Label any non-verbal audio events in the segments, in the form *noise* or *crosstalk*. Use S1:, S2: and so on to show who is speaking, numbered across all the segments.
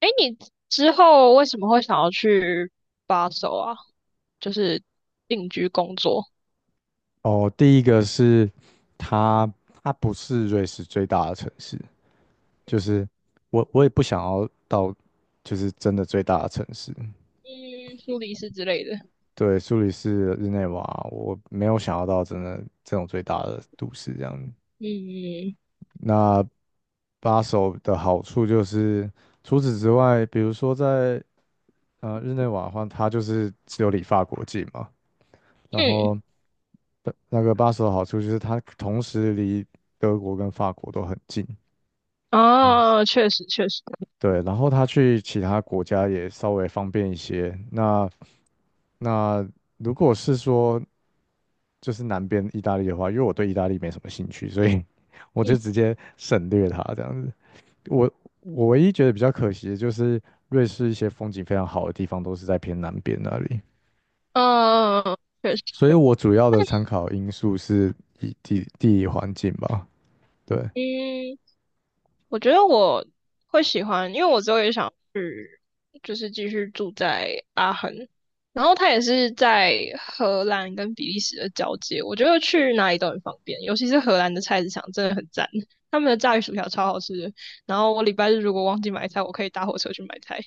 S1: 哎，你之后为什么会想要去巴首啊？就是定居工作。
S2: 哦，第一个是它，它不是瑞士最大的城市，就是我也不想要到，就是真的最大的城市。
S1: 嗯，苏黎世之类的。
S2: 对，苏黎世、日内瓦，我没有想要到真的这种最大的都市这样。
S1: 嗯
S2: 那巴首的好处就是，除此之外，比如说在日内瓦的话，它就是只有离法国近嘛，然
S1: 嗯。
S2: 后那个巴首的好处就是它同时离德国跟法国都很近。哦。
S1: 啊，确实确实。
S2: 对，然后他去其他国家也稍微方便一些。那如果是说就是南边意大利的话，因为我对意大利没什么兴趣，所以 *laughs* 我就
S1: 嗯
S2: 直接省略它这样子。我我唯一觉得比较可惜的就是瑞士一些风景非常好的地方都是在偏南边那里，
S1: 嗯，确实。
S2: 所以我主要的参考因素是以地理环境吧。对，
S1: 嗯，我觉得我会喜欢，因为我之后也想去，就是继续住在阿恒。然后他也是在荷兰跟比利时的交界，我觉得去哪里都很方便，尤其是荷兰的菜市场真的很赞，他们的炸鱼薯条超好吃的。然后我礼拜日如果忘记买菜，我可以搭火车去买菜。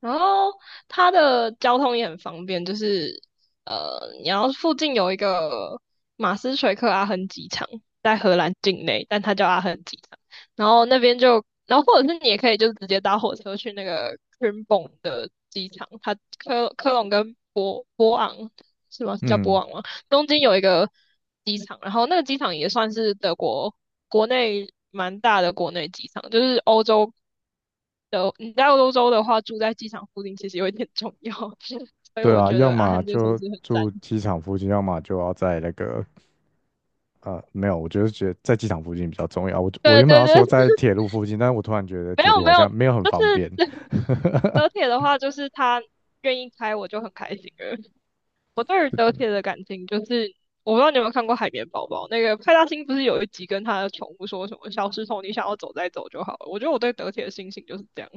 S1: 然后它的交通也很方便，就是你要附近有一个马斯垂克阿亨机场，在荷兰境内，但它叫阿亨机场。然后那边就，然后或者是你也可以就直接搭火车去那个 c r i m b o n 的机场，它科科隆跟博博昂是吗？是叫博
S2: 嗯，
S1: 昂吗？东京有一个机场，然后那个机场也算是德国国内蛮大的国内机场，就是欧洲的，你在欧洲的话，住在机场附近其实有一点重要。*laughs* 所以
S2: 对
S1: 我
S2: 啊，
S1: 觉
S2: 要
S1: 得阿
S2: 么
S1: 汉这个城
S2: 就
S1: 市很赞。
S2: 住机场附近，要么就要在那个。呃，没有，我就是觉得在机场附近比较重要。我
S1: 对
S2: 原本
S1: 对
S2: 要
S1: 对。
S2: 说在铁路附近，但是我突然觉得
S1: *laughs* 没
S2: 铁
S1: 有
S2: 路好
S1: 没有，
S2: 像没有很
S1: 就是
S2: 方便。
S1: *laughs* 德铁的话，就是他愿意开，我就很开心了。我对于德铁的感情就是，我不知道你有没有看过《海绵宝宝》，那个派大星不是有一集跟他的宠物说什么"小石头，你想要走再走就好了"。我觉得我对德铁的心情就是这样。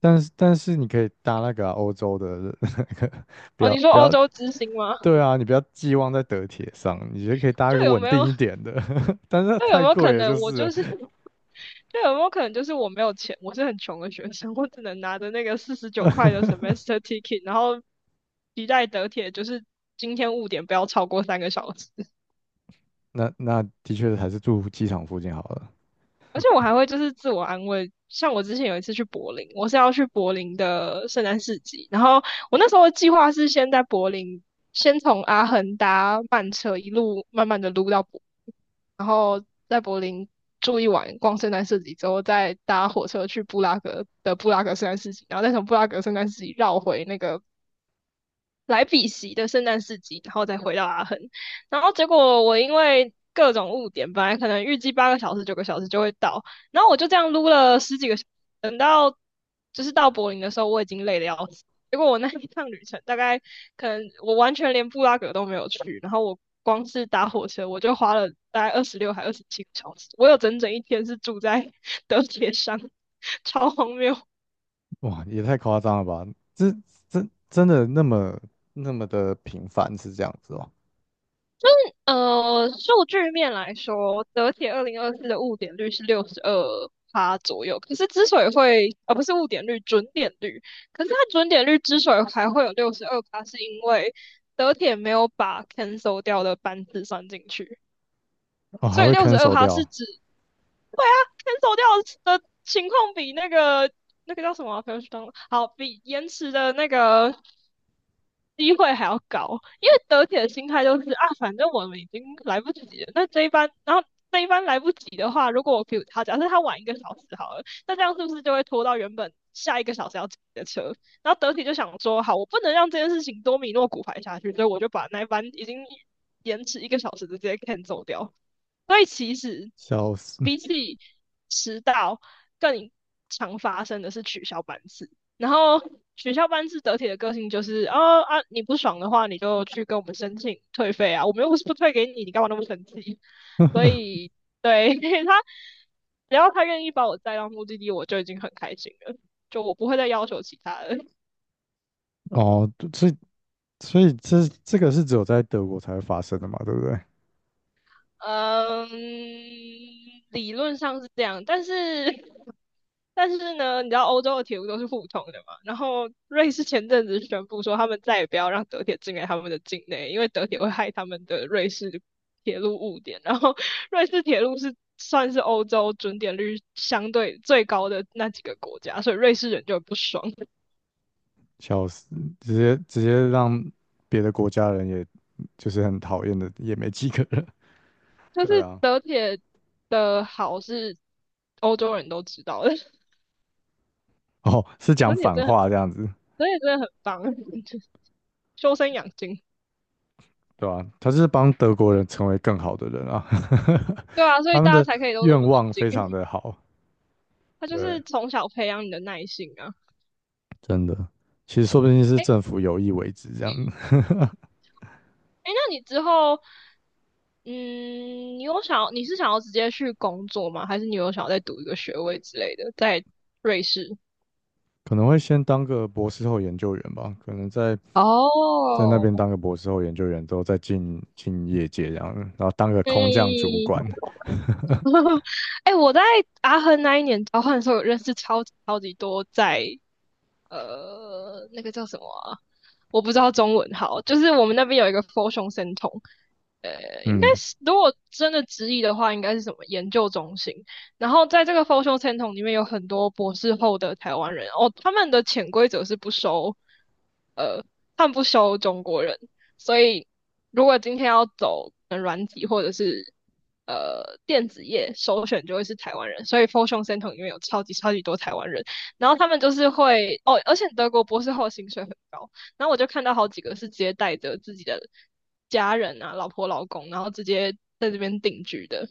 S2: 但是你可以搭那个啊欧洲的 *laughs* 那个，不
S1: 哦，你
S2: 要
S1: 说
S2: 不
S1: 欧
S2: 要，
S1: 洲之星吗？
S2: 对啊，你不要寄望在德铁上，你就可以搭一
S1: 就
S2: 个
S1: 有
S2: 稳
S1: 没
S2: 定
S1: 有
S2: 一点的，*laughs* 但是
S1: 那有
S2: 太
S1: 没有可
S2: 贵了，就
S1: 能我
S2: 是
S1: 就是，那有没有可能就是我没有钱，我是很穷的学生，我只能拿着那个49块
S2: 了
S1: 的 semester ticket,然后期待得铁，就是今天误点不要超过3个小时。
S2: *laughs* 那那的确还是住机场附近好了。
S1: 而且我还会就是自我安慰，像我之前有一次去柏林，我是要去柏林的圣诞市集，然后我那时候的计划是先在柏林，先从阿亨搭慢车一路慢慢的撸到。在柏林住一晚，逛圣诞市集之后，再搭火车去布拉格的布拉格圣诞市集，然后再从布拉格圣诞市集绕回那个来比锡的圣诞市集，然后再回到阿亨。然后结果我因为各种误点，本来可能预计8个小时、9个小时就会到，然后我就这样撸了十几个小时，等到就是到柏林的时候，我已经累得要死。结果我那一趟旅程，大概可能我完全连布拉格都没有去，然后我光是搭火车，我就花了大概26还27个小时，我有整整一天是住在德铁上。*laughs* 超荒谬。
S2: 哇，也太夸张了吧？这真的那么那么的频繁是这样子哦？
S1: 数据面来说，德铁2024的误点率是六十二趴左右。可是之所以会，不是误点率，准点率。可是它准点率之所以还会有六十二趴，是因为德铁没有把 cancel 掉的班次算进去，
S2: 哦，还
S1: 所以
S2: 会
S1: 六十二
S2: cancel
S1: 趴是
S2: 掉，
S1: 指，对啊，cancel 掉的情况比那个那个叫什么啊不要去当好，比延迟的那个。机会还要高，因为德铁的心态就是啊，反正我们已经来不及了，那这一班，然后这一班来不及的话，如果我比如他，假设他晚一个小时好了，那这样是不是就会拖到原本下一个小时要挤的车？然后德铁就想说，好，我不能让这件事情多米诺骨牌下去，所以我就把那一班已经延迟一个小时的直接 cancel 掉。所以其实
S2: 笑死。
S1: 比起迟到，更常发生的是取消班次。然后取消班次得体的个性就是，哦啊，你不爽的话，你就去跟我们申请退费啊，我们又不是不退给你，你干嘛那么生气？所
S2: *laughs*
S1: 以，对，*laughs* 他，只要他愿意把我载到目的地，我就已经很开心了。就我不会再要求其他的。
S2: 哦，所以所以这个是只有在德国才会发生的嘛，对不对？
S1: 嗯，理论上是这样，但是呢，你知道欧洲的铁路都是互通的嘛？然后瑞士前阵子宣布说，他们再也不要让德铁进来他们的境内，因为德铁会害他们的瑞士铁路误点。然后瑞士铁路是算是欧洲准点率相对最高的那几个国家，所以瑞士人就很不爽。
S2: 笑死，直接让别的国家人也就是很讨厌的，也没几个人。
S1: 就
S2: 对
S1: 是
S2: 啊，
S1: 德铁的好是欧洲人都知道的，
S2: 哦，是讲
S1: 德铁
S2: 反
S1: 真的很，
S2: 话这样子，
S1: 德铁真的很棒。*laughs* 修身养精。
S2: 对吧、他就是帮德国人成为更好的人啊，
S1: 对啊，
S2: *laughs*
S1: 所以
S2: 他们
S1: 大家
S2: 的
S1: 才可以都那
S2: 愿
S1: 么冷
S2: 望
S1: 静。
S2: 非常
S1: *laughs*
S2: 的好，
S1: 他就
S2: 对，
S1: 是从小培养你的耐性啊。
S2: 真的。其实说不定是
S1: 哎欸
S2: 政府有意为之这样子，
S1: 哎，欸那你之后，嗯，你是想要直接去工作吗？还是你有想要再读一个学位之类的，在瑞士？
S2: *laughs* 可能会先当个博士后研究员吧，可能在那
S1: 哦。
S2: 边当个博士后研究员之后，再进业界这样，然后当个空降主
S1: 嗯。
S2: 管。
S1: 哎 *laughs* 欸我在阿亨那一年交换的时候，有认识超级超级多在那个叫什么啊我不知道中文好，就是我们那边有一个 f o r 胸生酮，应该
S2: 嗯，
S1: 是如果真的直译的话，应该是什么研究中心。然后在这个 f o r 胸生酮里面有很多博士后的台湾人哦，他们的潜规则是不收，呃，他们不收中国人，所以如果今天要走软体或者是电子业，首选就会是台湾人，所以 f o r 胸生酮里面有超级超级多台湾人。然后他们就是会哦，而且德国博士后薪水很高，然后我就看到好几个是直接带着自己的家人啊、老婆、老公，然后直接在这边定居的，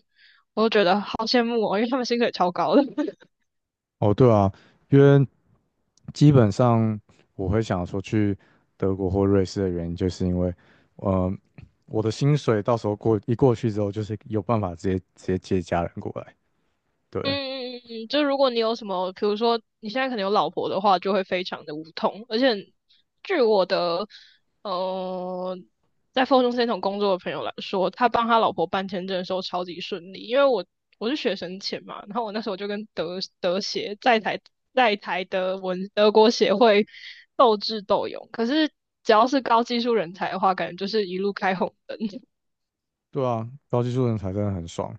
S1: 我就觉得好羡慕哦，因为他们薪水超高的。
S2: 哦，对啊，因为基本上我会想说去德国或瑞士的原因，就是因为，呃，我的薪水到时候过去之后，就是有办法直接接家人过来。对，
S1: 嗯嗯嗯嗯，就如果你有什么，比如说你现在可能有老婆的话，就会非常的无痛。而且据我的呃，在 f o r t u 工作的朋友来说，他帮他老婆办签证的时候超级顺利，因为我是学生签嘛，然后我那时候就跟德协在台德文德国协会斗智斗勇，可是只要是高技术人才的话，感觉就是一路开红灯。
S2: 对啊，高技术人才真的很爽。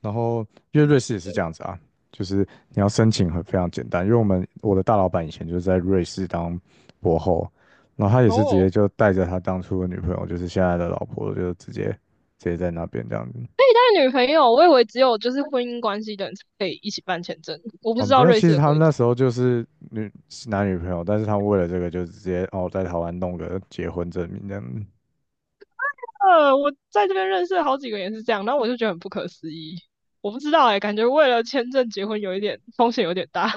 S2: 然后因为瑞士也是这样
S1: *laughs*
S2: 子啊，就是你要申请很非常简单，因为我的大老板以前就是在瑞士当博后，然后他也是直接
S1: 哦，
S2: 就带着他当初的女朋友，就是现在的老婆，就直接在那边这样子。
S1: 女朋友，我以为只有就是婚姻关系的人才可以一起办签证，我不
S2: 哦，
S1: 知
S2: 没
S1: 道
S2: 有，
S1: 瑞
S2: 其
S1: 士
S2: 实
S1: 的
S2: 他们
S1: 规
S2: 那
S1: 则。
S2: 时候就是女男女朋友，但是他们为了这个就直接哦在台湾弄个结婚证明这样子。
S1: 我在这边认识了好几个也是这样，然后我就觉得很不可思议。我不知道哎、欸感觉为了签证结婚有一点风险有点大。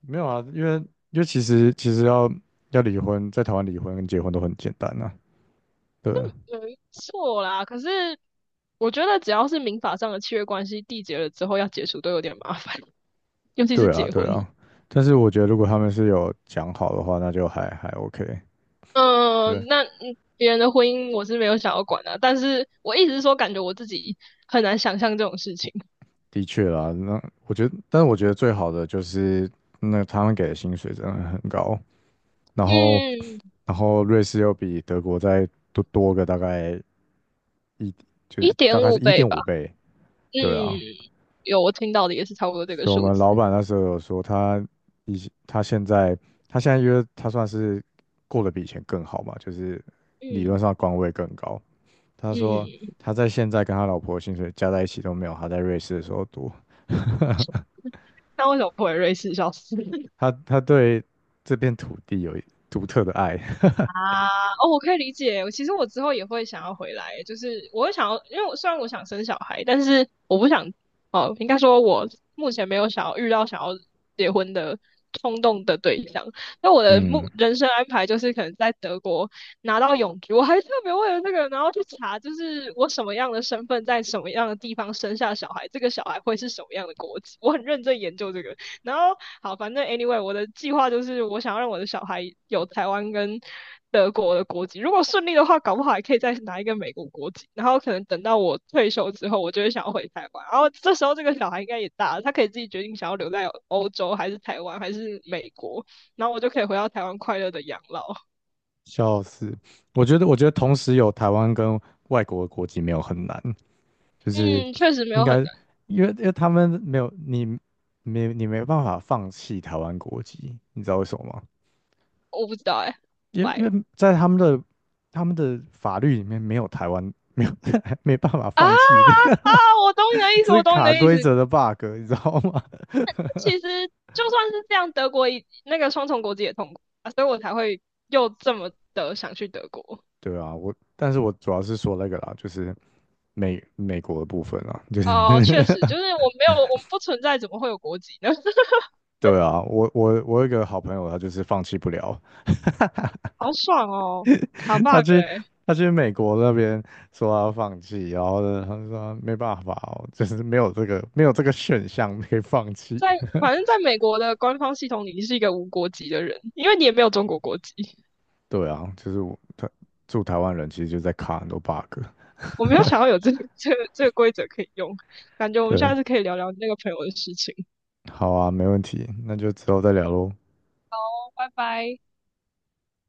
S2: 没有啊，因为因为其实要离婚，在台湾离婚跟结婚都很简单啊，对啊
S1: *laughs* 错啦。可是我觉得只要是民法上的契约关系缔结了之后要解除都有点麻烦，*laughs* 尤其是
S2: 对啊，
S1: 结
S2: 对
S1: 婚。
S2: 啊，
S1: *laughs*
S2: 但是我觉得如果他们是有讲好的话，那就还 OK。
S1: 嗯，呃
S2: 对，
S1: 那嗯别人的婚姻我是没有想要管的、啊但是我一直说感觉我自己很难想象这种事情。
S2: 的确啦，那我觉得，但是我觉得最好的就是那他们给的薪水真的很高，然后
S1: 嗯，
S2: 然后瑞士又比德国再多个大概就
S1: 一
S2: 是大
S1: 点
S2: 概是
S1: 五
S2: 一
S1: 倍
S2: 点
S1: 吧。
S2: 五倍，
S1: 嗯，
S2: 对啊，
S1: 有我听到的也是差不多这个
S2: 所以我
S1: 数
S2: 们老
S1: 字。
S2: 板那时候有说他以前他现在他现在因为他算是过得比以前更好嘛，就是理
S1: 嗯
S2: 论上官位更高，他说
S1: 嗯。
S2: 他在现在跟他老婆薪水加在一起都没有他在瑞士的时候多。
S1: 那为什么不回瑞士？笑死！
S2: 他对这片土地有独特的爱，
S1: 啊。哦，我可以理解。我其实我之后也会想要回来，就是我会想要，因为虽然我想生小孩，但是我不想，哦，应该说我目前没有想要遇到想要结婚的冲动的对象。那我
S2: *laughs*
S1: 的
S2: 嗯，
S1: 目人生安排就是可能在德国拿到永居，我还特别为了这个，然后去查，就是我什么样的身份在什么样的地方生下小孩，这个小孩会是什么样的国籍，我很认真研究这个。然后好，反正 anyway,我的计划就是我想要让我的小孩有台湾跟德国的国籍。如果顺利的话，搞不好还可以再拿一个美国国籍。然后可能等到我退休之后，我就会想要回台湾。然后这时候这个小孩应该也大了，他可以自己决定想要留在欧洲还是台湾还是美国。然后我就可以回到台湾快乐的养老。
S2: 笑死。我觉得同时有台湾跟外国的国籍没有很难，就是
S1: 嗯，确实没有
S2: 应
S1: 很
S2: 该
S1: 难。
S2: 因为他们没有没办法放弃台湾国籍，你知道为什么吗？
S1: 我不知道哎、欸
S2: 因为因
S1: 喂。
S2: 为在他们的法律里面没有台湾没有 *laughs* 没办法
S1: 啊啊
S2: 放弃这
S1: 啊，
S2: 个
S1: 我懂你的意思，
S2: 这
S1: 我
S2: 是
S1: 懂你
S2: 卡
S1: 的意思。
S2: 规则的 bug,你知道吗？*laughs*
S1: 其实就算是这样，德国也那个双重国籍也痛苦啊，所以我才会又这么的想去德国。
S2: 对啊，我，但是我主要是说那个啦，就是美国的部分啊，就是
S1: 哦，确实，
S2: *laughs*
S1: 就是我没有，我们不存在，怎么会有国籍呢？*laughs*
S2: 对啊，我我有一个好朋友，他就是放弃不了，
S1: 好爽哦，卡
S2: *laughs*
S1: bug
S2: 他去
S1: 哎。
S2: 他去美国那边说他要放弃，然后呢，他就说没办法哦，就是没有这个选项可以放弃。
S1: 在反正在美国的官方系统里，你是一个无国籍的人，因为你也没有中国国籍。
S2: 对啊，就是住台湾人其实就在卡很多 bug。
S1: 我没有想要有这个规则可以用，感觉我们
S2: 对，
S1: 下次可以聊聊那个朋友的事情。
S2: 好啊，没问题，那就之后再聊喽。
S1: 拜拜。